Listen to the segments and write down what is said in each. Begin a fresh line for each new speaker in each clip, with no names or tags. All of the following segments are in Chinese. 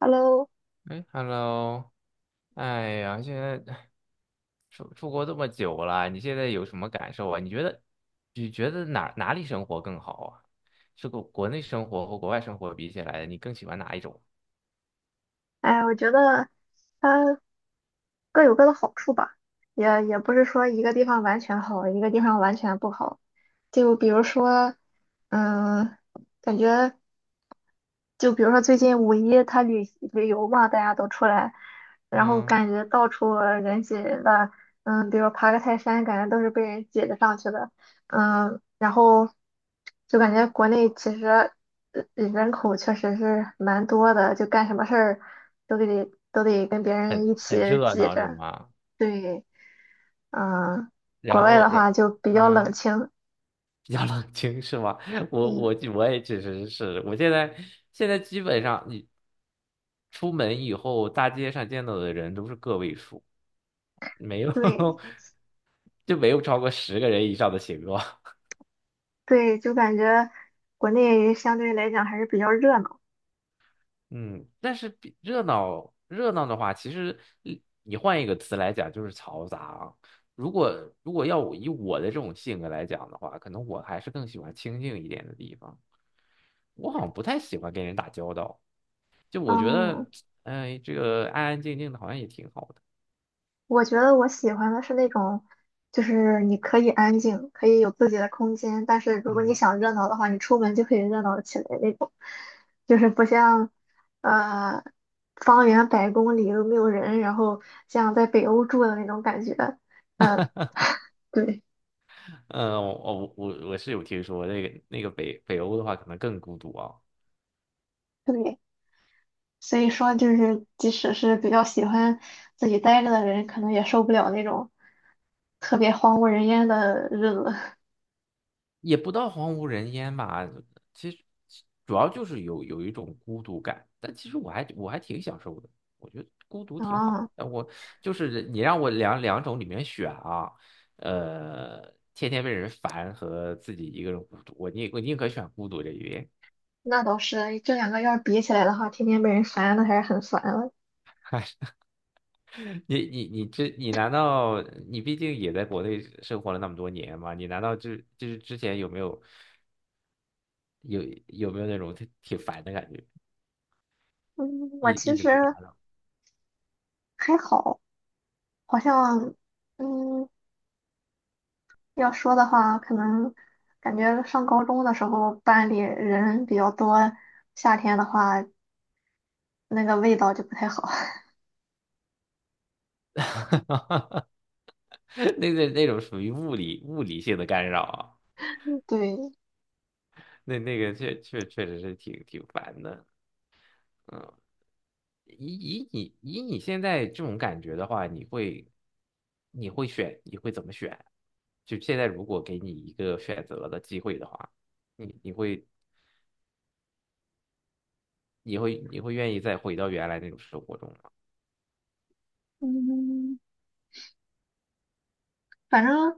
Hello，
哎，Hello，哎呀，现在出国这么久了，你现在有什么感受啊？你觉得哪里生活更好啊？是国内生活和国外生活比起来，你更喜欢哪一种？
哎，我觉得它各有各的好处吧，也不是说一个地方完全好，一个地方完全不好。就比如说，嗯，感觉。就比如说最近五一他旅游嘛，大家都出来，然后
嗯，
感觉到处人挤人的，嗯，比如爬个泰山，感觉都是被人挤着上去的，嗯，然后就感觉国内其实人口确实是蛮多的，就干什么事儿都得跟别人一
很
起
热
挤
闹是
着，
吗？
对，嗯，国
然
外的
后，然
话就比较冷
嗯，
清，
比较冷清是吗？我
嗯，
我我也确实是，我现在基本上你出门以后，大街上见到的人都是个位数。没有。
对
就没有超过十个人以上的行作。
对，就感觉国内相对来讲还是比较热闹。
嗯，但是比热闹的话，其实你换一个词来讲就是嘈杂啊。如果要我以我的这种性格来讲的话，可能我还是更喜欢清静一点的地方。我好像不太喜欢跟人打交道，就我觉
嗯，
得，哎，这个安安静静的好像也挺好的。
我觉得我喜欢的是那种，就是你可以安静，可以有自己的空间，但是如果你
嗯，
想热闹的话，你出门就可以热闹起来那种，就是不像，呃，方圆100公里都没有人，然后像在北欧住的那种感觉。嗯，对
呃，我我是有听说那个北欧的话，可能更孤独啊。
对，所以说就是，即使是比较喜欢自己待着的人，可能也受不了那种特别荒无人烟的日子。
也不到荒无人烟吧，其实主要就是有一种孤独感，但其实我还挺享受的，我觉得孤独 挺好
啊。
的。我就是你让我两种里面选啊，呃，天天被人烦和自己一个人孤独，我宁可选孤独这一边。
那倒是，这两个要是比起来的话，天天被人烦，那还是很烦了。
你这你难道你毕竟也在国内生活了那么多年嘛？你难道就是之前有没有有有没有那种挺烦的感觉，
嗯，我
一
其
一直
实
被打？
还好，好像，嗯，要说的话，可能感觉上高中的时候班里人比较多，夏天的话那个味道就不太好。
那种属于物理性的干扰啊，
对，
那个确实是挺烦的，嗯，以你现在这种感觉的话，你会怎么选？就现在如果给你一个选择的机会的话，你你会你会愿意再回到原来那种生活中吗？
嗯，反正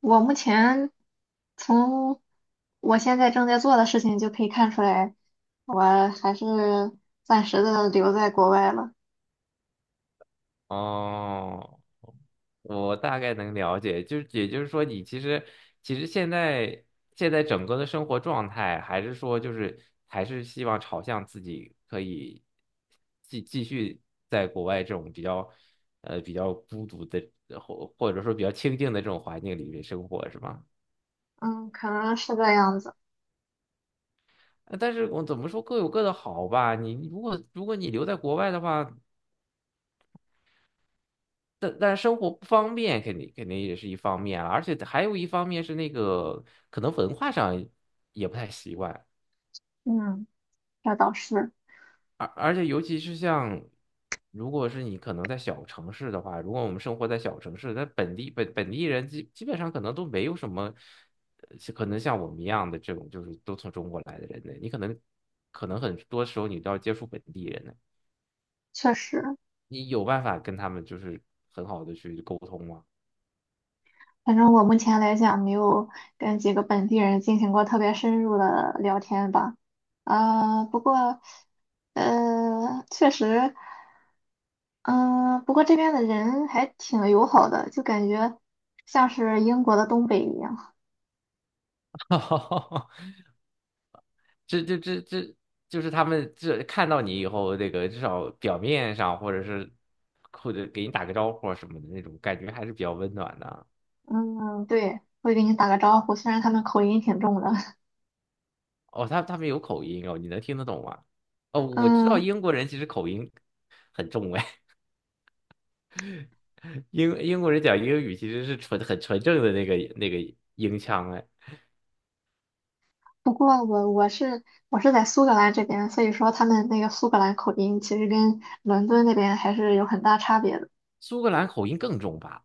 我目前从我现在正在做的事情就可以看出来，我还是暂时的留在国外了。
哦，我大概能了解，就是也就是说，你其实现在整个的生活状态，还是说就是还是希望朝向自己可以继续在国外这种比较比较孤独的或者说比较清静的这种环境里面生活，是吗？
嗯，可能是这样子。
呃，但是我怎么说各有各的好吧。你如果你留在国外的话，但生活不方便，肯定也是一方面啊，而且还有一方面是那个可能文化上也不太习惯，
嗯，这倒是，
而且尤其是像如果是你可能在小城市的话，如果我们生活在小城市，那本地本地人基本上可能都没有什么，呃，可能像我们一样的这种就是都从中国来的人呢，你可能很多时候你都要接触本地人呢，
确实。
你有办法跟他们就是很好的去沟通吗？
反正我目前来讲，没有跟几个本地人进行过特别深入的聊天吧。啊、不过，确实，嗯、不过这边的人还挺友好的，就感觉像是英国的东北一样。
这就是他们这看到你以后，那个至少表面上或者是或者给你打个招呼啊什么的那种感觉，还是比较温暖的。
嗯，对，会给你打个招呼，虽然他们口音挺重的。
哦，他们有口音哦，你能听得懂吗？哦，我知道
嗯。
英国人其实口音很重哎，英国人讲英语其实是很纯正的那个英腔哎，
不过我是在苏格兰这边，所以说他们那个苏格兰口音其实跟伦敦那边还是有很大差别的。
苏格兰口音更重吧？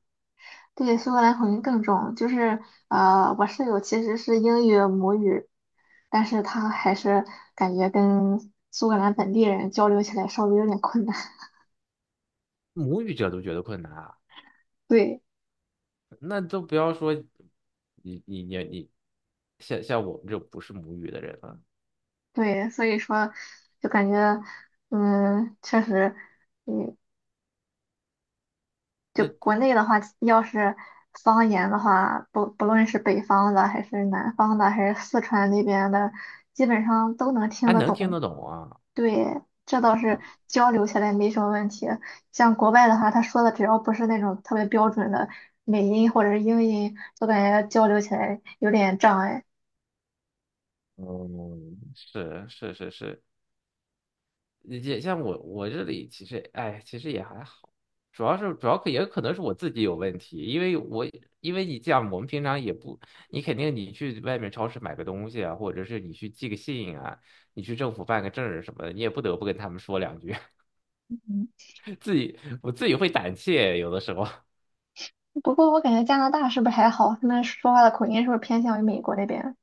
对，苏格兰口音更重，就是我室友其实是英语母语，但是他还是感觉跟苏格兰本地人交流起来稍微有点困难。
母语者都觉得困难啊，
对
那都不要说你，像我们这种不是母语的人了。
对，所以说就感觉确实。嗯。就
那
国内的话，要是方言的话，不论是北方的，还是南方的，还是四川那边的，基本上都能听
还
得
能听
懂。
得懂啊。
对，这倒是
啊，
交流起来没什么问题。像国外的话，他说的只要不是那种特别标准的美音或者是英音，就感觉交流起来有点障碍。
嗯，是，也像我我这里其实哎，其实也还好，主要可也可能是我自己有问题，因为因为你这样，我们平常也不，你肯定你去外面超市买个东西啊，或者是你去寄个信啊，你去政府办个证儿什么的，你也不得不跟他们说两句，
嗯，
我自己会胆怯，有的时候。
不过我感觉加拿大是不是还好？他们说话的口音是不是偏向于美国那边？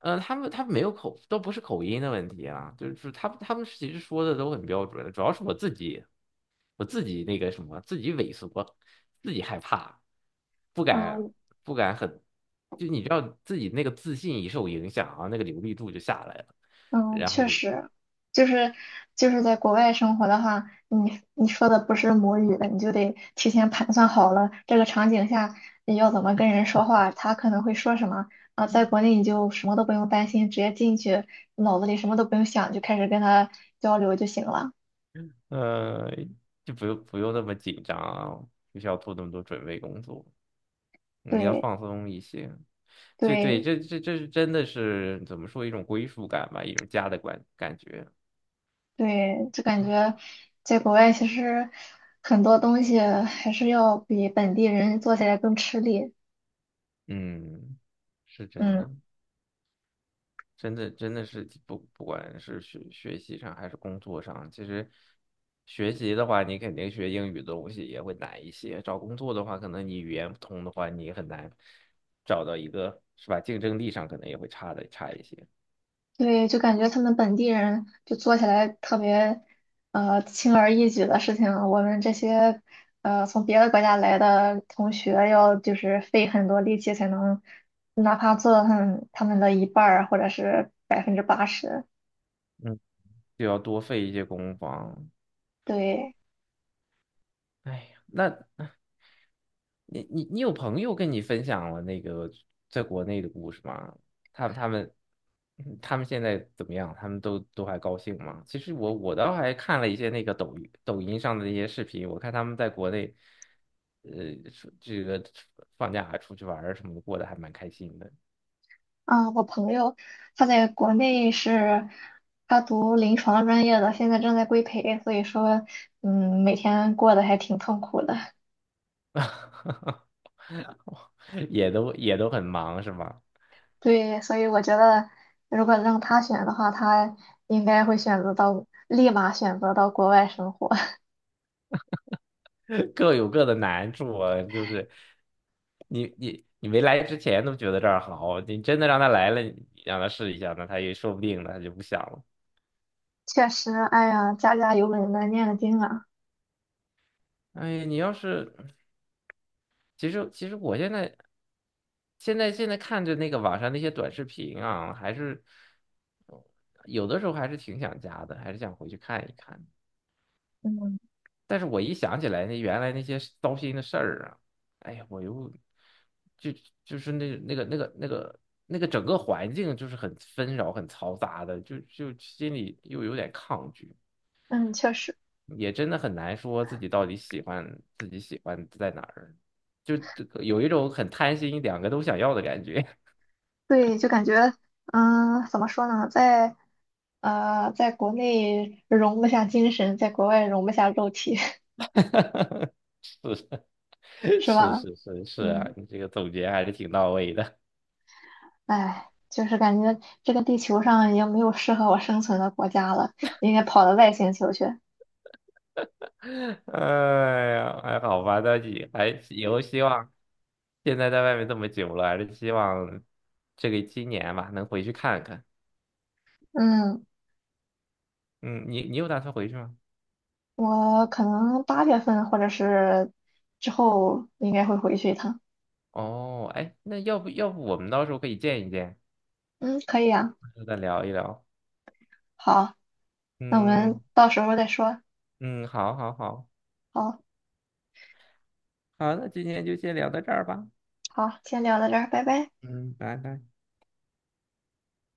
呃，他们没有口，都不是口音的问题啊，就是他们其实说的都很标准，主要是我自己，我自己那个什么，自己萎缩，自己害怕，不敢
啊、
不敢很，就你知道自己那个自信一受影响啊，那个流利度就下来了，
嗯，
然后
确
就
实，就是就是在国外生活的话，你说的不是母语的，你就得提前盘算好了这个场景下你要怎么跟人说话，他可能会说什么啊。在国内你就什么都不用担心，直接进去，脑子里什么都不用想，就开始跟他交流就行了。
呃就不用那么紧张啊，不需要做那么多准备工作，你要
对
放松一些。这对，
对
这是真的是怎么说一种归属感吧，一种家的感觉。
对，就感觉在国外其实很多东西还是要比本地人做起来更吃力。
嗯，是真
嗯。
的，真的是不管是学习上还是工作上，其实学习的话，你肯定学英语的东西也会难一些。找工作的话，可能你语言不通的话，你很难找到一个，是吧？竞争力上可能也会差一些，
对，就感觉他们本地人就做起来特别，轻而易举的事情，我们这些，从别的国家来的同学要就是费很多力气才能，哪怕做到他们的一半儿或者是80%。
嗯，就要多费一些攻防。
对，
哎呀，那你有朋友跟你分享了那个在国内的故事吗？他们嗯他们现在怎么样？他们都还高兴吗？其实我倒还看了一些那个抖音上的那些视频，我看他们在国内，呃，出这个放假出去玩儿什么的，过得还蛮开心的，
啊，我朋友他在国内是，他读临床专业的，现在正在规培，所以说，嗯，每天过得还挺痛苦的。
也都很忙是吗？
对，所以我觉得，如果让他选的话，他应该会选择到，立马选择到国外生活。
各有各的难处啊，就是你没来之前都觉得这儿好，你真的让他来了，你让他试一下，那他也说不定呢，他就不想了。
确实，哎呀，家家有本难念的经啊。
哎，你要是其实我现在看着那个网上那些短视频啊，还是有的时候还是挺想家的，还是想回去看一看。
嗯
但是我一想起来那原来那些糟心的事儿啊，哎呀，我又就就是那个整个环境就是很纷扰、很嘈杂的，就心里又有点抗拒，
嗯，确实，
也真的很难说自己到底喜欢自己喜欢在哪儿，就这个有一种很贪心，两个都想要的感觉。
对，就感觉，嗯，怎么说呢，在国内容不下精神，在国外容不下肉体，
是 是
是
是
吧？
是是是啊，
嗯，
你这个总结还是挺到位的。
哎，就是感觉这个地球上已经没有适合我生存的国家了，我应该跑到外星球去。
哎呀，还好吧，但也还以后希望现在在外面这么久了，还是希望这个今年吧能回去看看。
嗯。
嗯，你有打算回去吗？
我可能8月份或者是之后应该会回去一趟。
哦，哎，那要不我们到时候可以见一见，
嗯，可以啊。
然后再聊一聊。
好，那我们
嗯
到时候再说。
嗯，好好好，
好，
好，那今天就先聊到这儿吧。
好，先聊到这儿，拜拜。
嗯，拜拜。